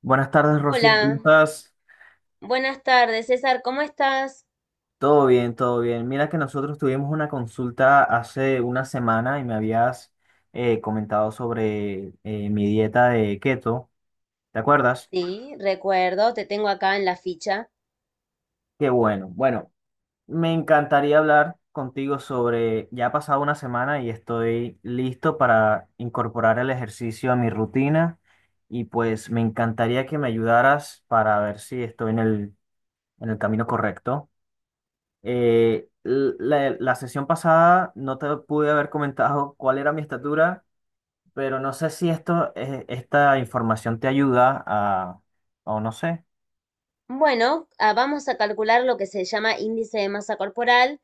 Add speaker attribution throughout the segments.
Speaker 1: Buenas tardes, Rocío,
Speaker 2: Hola,
Speaker 1: ¿cómo estás?
Speaker 2: buenas tardes, César, ¿cómo estás?
Speaker 1: Todo bien, todo bien. Mira que nosotros tuvimos una consulta hace una semana y me habías comentado sobre mi dieta de keto, ¿te acuerdas?
Speaker 2: Sí, recuerdo, te tengo acá en la ficha.
Speaker 1: Qué bueno. Bueno, me encantaría hablar contigo sobre, ya ha pasado una semana y estoy listo para incorporar el ejercicio a mi rutina y pues me encantaría que me ayudaras para ver si estoy en el camino correcto. Eh, la sesión pasada no te pude haber comentado cuál era mi estatura, pero no sé si esto, esta información te ayuda a, o no sé.
Speaker 2: Bueno, vamos a calcular lo que se llama índice de masa corporal,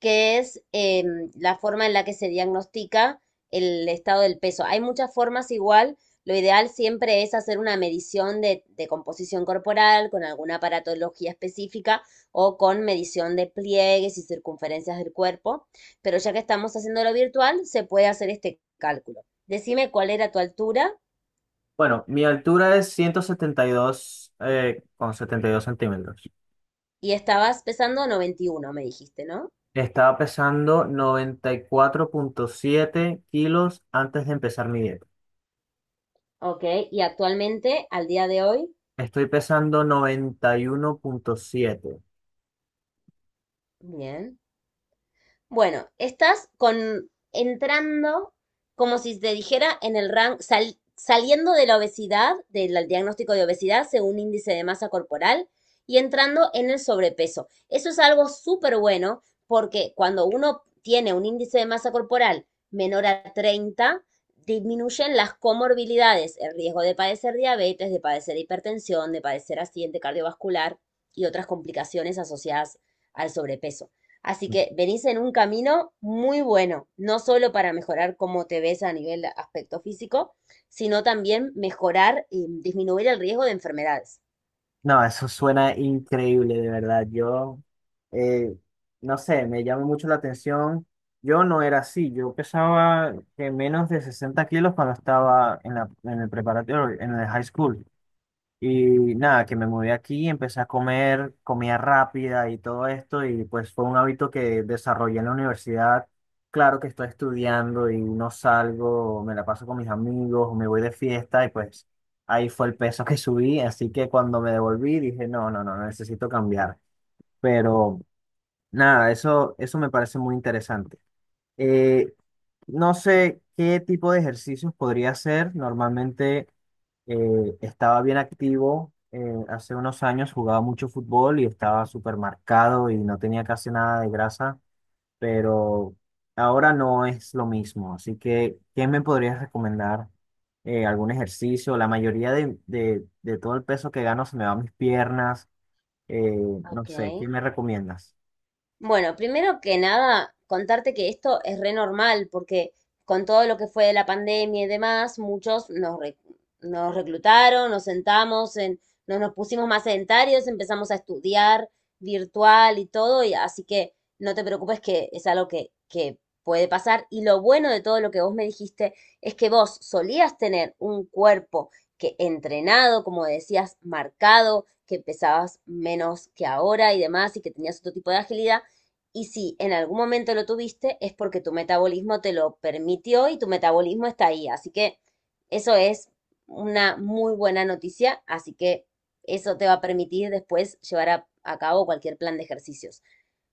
Speaker 2: que es la forma en la que se diagnostica el estado del peso. Hay muchas formas igual. Lo ideal siempre es hacer una medición de composición corporal con alguna aparatología específica o con medición de pliegues y circunferencias del cuerpo. Pero ya que estamos haciendo lo virtual, se puede hacer este cálculo. Decime cuál era tu altura
Speaker 1: Bueno, mi altura es 172, con 72 centímetros.
Speaker 2: y estabas pesando 91, me dijiste, ¿no?
Speaker 1: Estaba pesando 94,7 kilos antes de empezar mi dieta.
Speaker 2: Ok, y actualmente, al día de hoy,
Speaker 1: Estoy pesando 91,7.
Speaker 2: bien. Bueno, estás con entrando como si te dijera en el rango, saliendo de la obesidad, del diagnóstico de obesidad según índice de masa corporal y entrando en el sobrepeso. Eso es algo súper bueno porque cuando uno tiene un índice de masa corporal menor a 30, disminuyen las comorbilidades, el riesgo de padecer diabetes, de padecer hipertensión, de padecer accidente cardiovascular y otras complicaciones asociadas al sobrepeso. Así que venís en un camino muy bueno, no solo para mejorar cómo te ves a nivel aspecto físico, sino también mejorar y disminuir el riesgo de enfermedades.
Speaker 1: No, eso suena increíble, de verdad. Yo, eh, no sé, me llama mucho la atención. Yo no era así. Yo pesaba menos de 60 kilos cuando estaba en la, en el preparatorio, en el high school. Y nada, que me mudé aquí, empecé a comer comida rápida y todo esto, y pues fue un hábito que desarrollé en la universidad. Claro que estoy estudiando y no salgo, me la paso con mis amigos, o me voy de fiesta y pues ahí fue el peso que subí, así que cuando me devolví dije, no, no, no, necesito cambiar. Pero nada, eso me parece muy interesante. Eh, no sé qué tipo de ejercicios podría hacer normalmente. Estaba bien activo. Hace unos años jugaba mucho fútbol y estaba súper marcado y no tenía casi nada de grasa, pero ahora no es lo mismo. Así que, ¿quién me podrías recomendar? ¿Algún ejercicio? La mayoría de todo el peso que gano se me va a mis piernas. eh, no
Speaker 2: Ok,
Speaker 1: sé, ¿quién me recomiendas?
Speaker 2: bueno, primero que nada, contarte que esto es re normal, porque con todo lo que fue de la pandemia y demás, nos reclutaron, nos sentamos, nos pusimos más sedentarios, empezamos a estudiar virtual y todo, y así que no te preocupes que es algo que puede pasar. Y lo bueno de todo lo que vos me dijiste es que vos solías tener un cuerpo que entrenado, como decías, marcado, que pesabas menos que ahora y demás, y que tenías otro tipo de agilidad. Y si en algún momento lo tuviste, es porque tu metabolismo te lo permitió y tu metabolismo está ahí. Así que eso es una muy buena noticia. Así que eso te va a permitir después a cabo cualquier plan de ejercicios.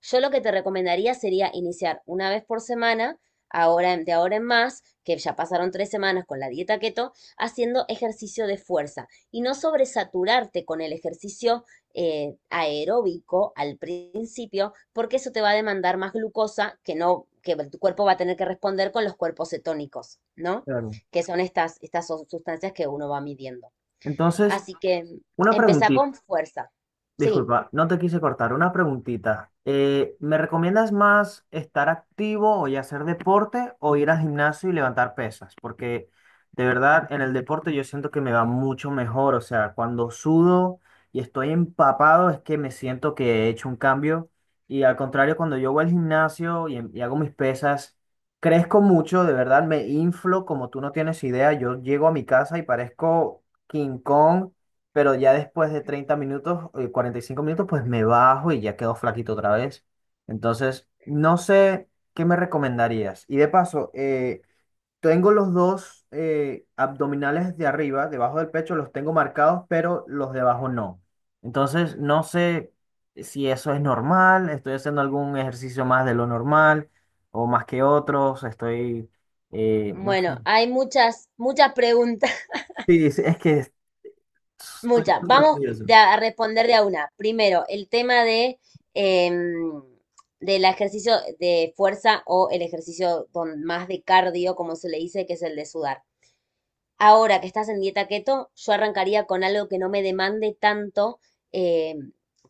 Speaker 2: Yo lo que te recomendaría sería iniciar una vez por semana, ahora de ahora en más, que ya pasaron tres semanas con la dieta keto, haciendo ejercicio de fuerza y no sobresaturarte con el ejercicio aeróbico al principio, porque eso te va a demandar más glucosa que no, que tu cuerpo va a tener que responder con los cuerpos cetónicos, ¿no?
Speaker 1: Claro.
Speaker 2: Que son estas son sustancias que uno va midiendo.
Speaker 1: Entonces,
Speaker 2: Así que
Speaker 1: una
Speaker 2: empezá
Speaker 1: preguntita.
Speaker 2: con fuerza. Sí,
Speaker 1: Disculpa, no te quise cortar. Una preguntita. ¿Me recomiendas más estar activo y hacer deporte o ir al gimnasio y levantar pesas? Porque de verdad en el deporte yo siento que me va mucho mejor. O sea, cuando sudo y estoy empapado es que me siento que he hecho un cambio. Y al contrario, cuando yo voy al gimnasio y hago mis pesas, crezco mucho, de verdad me inflo como tú no tienes idea. Yo llego a mi casa y parezco King Kong, pero ya después de 30 minutos, 45 minutos, pues me bajo y ya quedo flaquito otra vez. Entonces, no sé qué me recomendarías. Y de paso, tengo los dos abdominales de arriba, debajo del pecho, los tengo marcados, pero los de abajo no. Entonces, no sé si eso es normal, estoy haciendo algún ejercicio más de lo normal o más que otros, estoy, no
Speaker 2: bueno,
Speaker 1: sé.
Speaker 2: hay muchas preguntas,
Speaker 1: Sí, sí, es que estoy
Speaker 2: muchas.
Speaker 1: súper
Speaker 2: Vamos
Speaker 1: curioso.
Speaker 2: de a responder de a una. Primero, el tema de em, del ejercicio de fuerza o el ejercicio con más de cardio, como se le dice, que es el de sudar. Ahora que estás en dieta keto, yo arrancaría con algo que no me demande tanto, eh,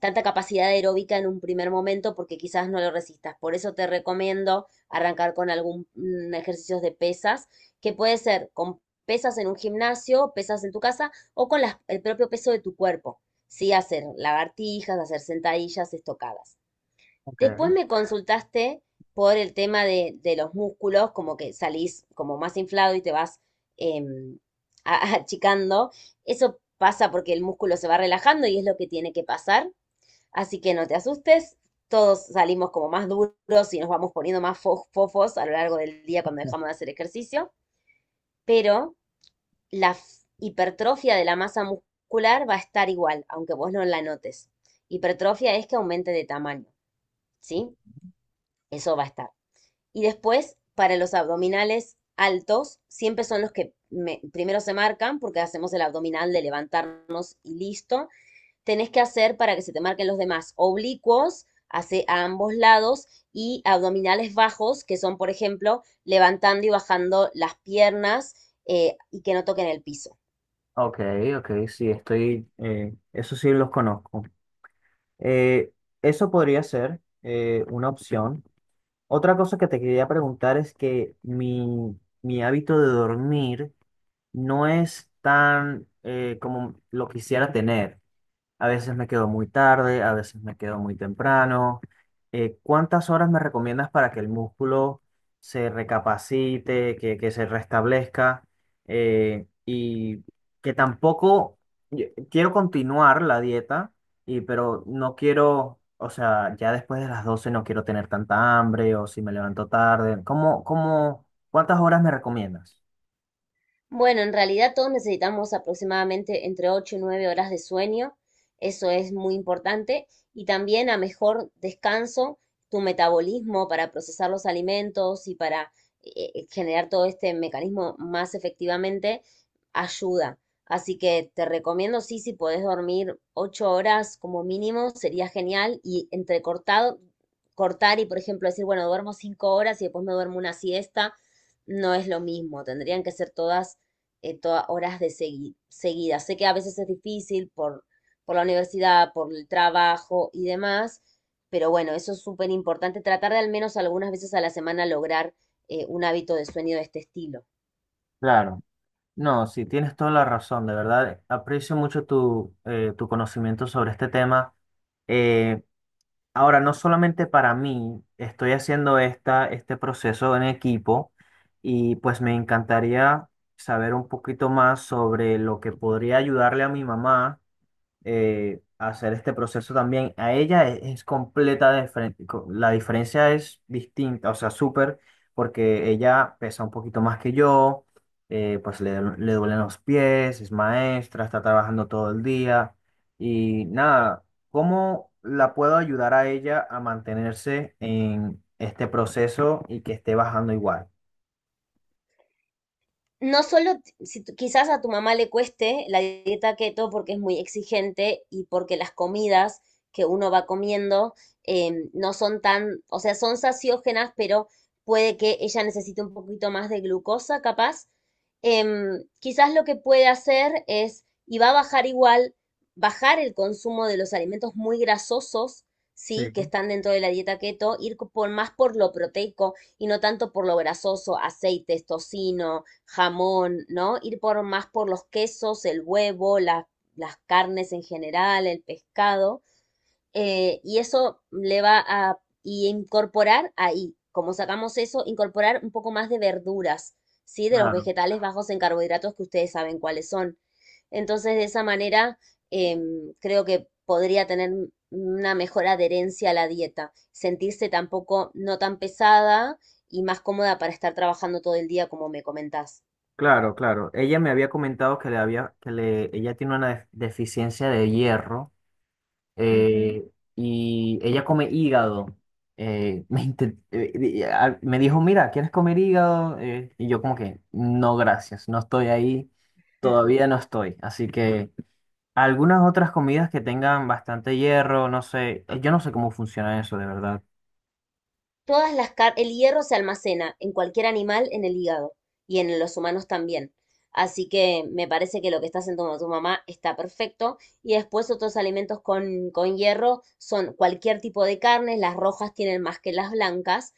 Speaker 2: tanta capacidad aeróbica en un primer momento, porque quizás no lo resistas. Por eso te recomiendo arrancar con algún ejercicios de pesas, que puede ser con pesas en un gimnasio, pesas en tu casa o con el propio peso de tu cuerpo. Sí, hacer lagartijas, hacer sentadillas, estocadas.
Speaker 1: Ok.
Speaker 2: Después me consultaste por el tema de los músculos, como que salís como más inflado y te vas em, achicando. Eso pasa porque el músculo se va relajando y es lo que tiene que pasar. Así que no te asustes, todos salimos como más duros y nos vamos poniendo más fofos a lo largo del día cuando dejamos de hacer ejercicio, pero hipertrofia de la masa muscular va a estar igual, aunque vos no la notes. Hipertrofia es que aumente de tamaño, ¿sí? Eso va a estar. Y después, para los abdominales altos, siempre son los que primero se marcan, porque hacemos el abdominal de levantarnos y listo. Tenés que hacer para que se te marquen los demás oblicuos hace, a ambos lados y abdominales bajos, que son, por ejemplo, levantando y bajando las piernas y que no toquen el piso.
Speaker 1: Ok, ok, sí, estoy, eso sí los conozco. Eh, Eso podría ser una opción. Otra cosa que te quería preguntar es que mi hábito de dormir no es tan, como lo quisiera tener. A veces me quedo muy tarde, a veces me quedo muy temprano. ¿Cuántas horas me recomiendas para que el músculo se recapacite, que se restablezca? Y que tampoco quiero continuar la dieta, y, pero no quiero, o sea, ya después de las 12 no quiero tener tanta hambre o si me levanto tarde. ¿ cuántas horas me recomiendas?
Speaker 2: Bueno, en realidad todos necesitamos aproximadamente entre 8 y 9 horas de sueño, eso es muy importante, y también a mejor descanso, tu metabolismo para procesar los alimentos y para generar todo este mecanismo más efectivamente, ayuda. Así que te recomiendo, sí, si podés dormir 8 horas como mínimo, sería genial, y entrecortado, cortar y, por ejemplo, decir, bueno, duermo 5 horas y después me duermo una siesta, no es lo mismo, tendrían que ser todas horas de seguidas. Sé que a veces es difícil por la universidad, por el trabajo y demás, pero bueno, eso es súper importante, tratar de al menos algunas veces a la semana lograr un hábito de sueño de este estilo.
Speaker 1: Claro. No, sí, tienes toda la razón, de verdad. Aprecio mucho tu conocimiento sobre este tema. Eh, Ahora, no solamente para mí, estoy haciendo esta, este proceso en equipo y pues me encantaría saber un poquito más sobre lo que podría ayudarle a mi mamá. Hacer este proceso también a ella es completa La diferencia es distinta, o sea, súper, porque ella pesa un poquito más que yo, pues le duelen los pies, es maestra, está trabajando todo el día y nada, ¿cómo la puedo ayudar a ella a mantenerse en este proceso y que esté bajando igual?
Speaker 2: No solo, t- si tu- Quizás a tu mamá le cueste la dieta keto porque es muy exigente y porque las comidas que uno va comiendo no son tan, o sea, son saciógenas, pero puede que ella necesite un poquito más de glucosa, capaz. Em, quizás lo que puede hacer es, y va a bajar igual, bajar el consumo de los alimentos muy grasosos, sí, que
Speaker 1: Sí.
Speaker 2: están dentro de la dieta keto, por más por lo proteico y no tanto por lo grasoso, aceites, tocino, jamón, ¿no? Ir por más por los quesos, el huevo, las carnes en general, el pescado y eso le va a y incorporar ahí, como sacamos eso, incorporar un poco más de verduras, ¿sí? De los
Speaker 1: Claro,
Speaker 2: vegetales bajos en carbohidratos que ustedes saben cuáles son. Entonces, de esa manera, creo que podría tener una mejor adherencia a la dieta, sentirse tampoco no tan pesada y más cómoda para estar trabajando todo el día, como me comentás.
Speaker 1: claro, claro. Ella me había comentado que le había, ella tiene una deficiencia de hierro. eh, y ella come hígado. Me, inte- di- a- me dijo, mira, ¿quieres comer hígado? Y yo como que, no, gracias, no estoy ahí,
Speaker 2: Ujú.
Speaker 1: todavía no estoy. Así que algunas otras comidas que tengan bastante hierro, no sé, yo no sé cómo funciona eso, de verdad.
Speaker 2: Todas el hierro se almacena en cualquier animal en el hígado y en los humanos también. Así que me parece que lo que está haciendo tu mamá está perfecto. Y después otros alimentos con hierro son cualquier tipo de carnes, las rojas tienen más que las blancas.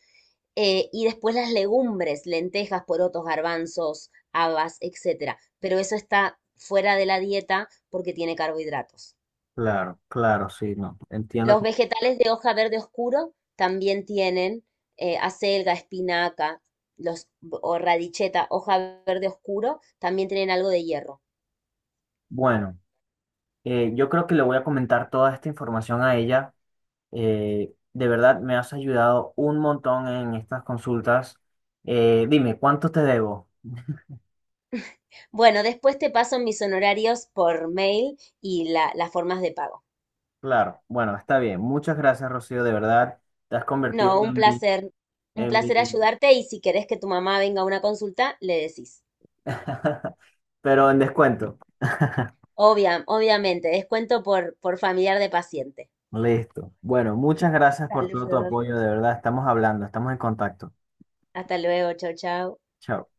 Speaker 2: Y después las legumbres, lentejas, porotos, garbanzos, habas, etcétera. Pero eso está fuera de la dieta porque tiene carbohidratos.
Speaker 1: Claro, claro, sí, no, entiendo.
Speaker 2: Los vegetales de hoja verde oscuro también tienen acelga, espinaca, los, o radicheta, hoja verde oscuro, también tienen algo de hierro.
Speaker 1: Bueno, yo creo que le voy a comentar toda esta información a ella. De verdad, me has ayudado un montón en estas consultas. Dime, ¿cuánto te debo?
Speaker 2: Bueno, después te paso mis honorarios por mail y las formas de pago.
Speaker 1: Claro, bueno, está bien. Muchas gracias, Rocío, de verdad. Te has convertido
Speaker 2: No,
Speaker 1: en mi,
Speaker 2: un
Speaker 1: en mi,
Speaker 2: placer ayudarte y si querés que tu mamá venga a una consulta, le decís.
Speaker 1: pero en descuento.
Speaker 2: Obviamente, descuento por familiar de paciente.
Speaker 1: Listo. Bueno, muchas gracias por todo tu
Speaker 2: Saludos.
Speaker 1: apoyo, de verdad. Estamos hablando, estamos en contacto.
Speaker 2: Hasta luego, chau, chau.
Speaker 1: Chao.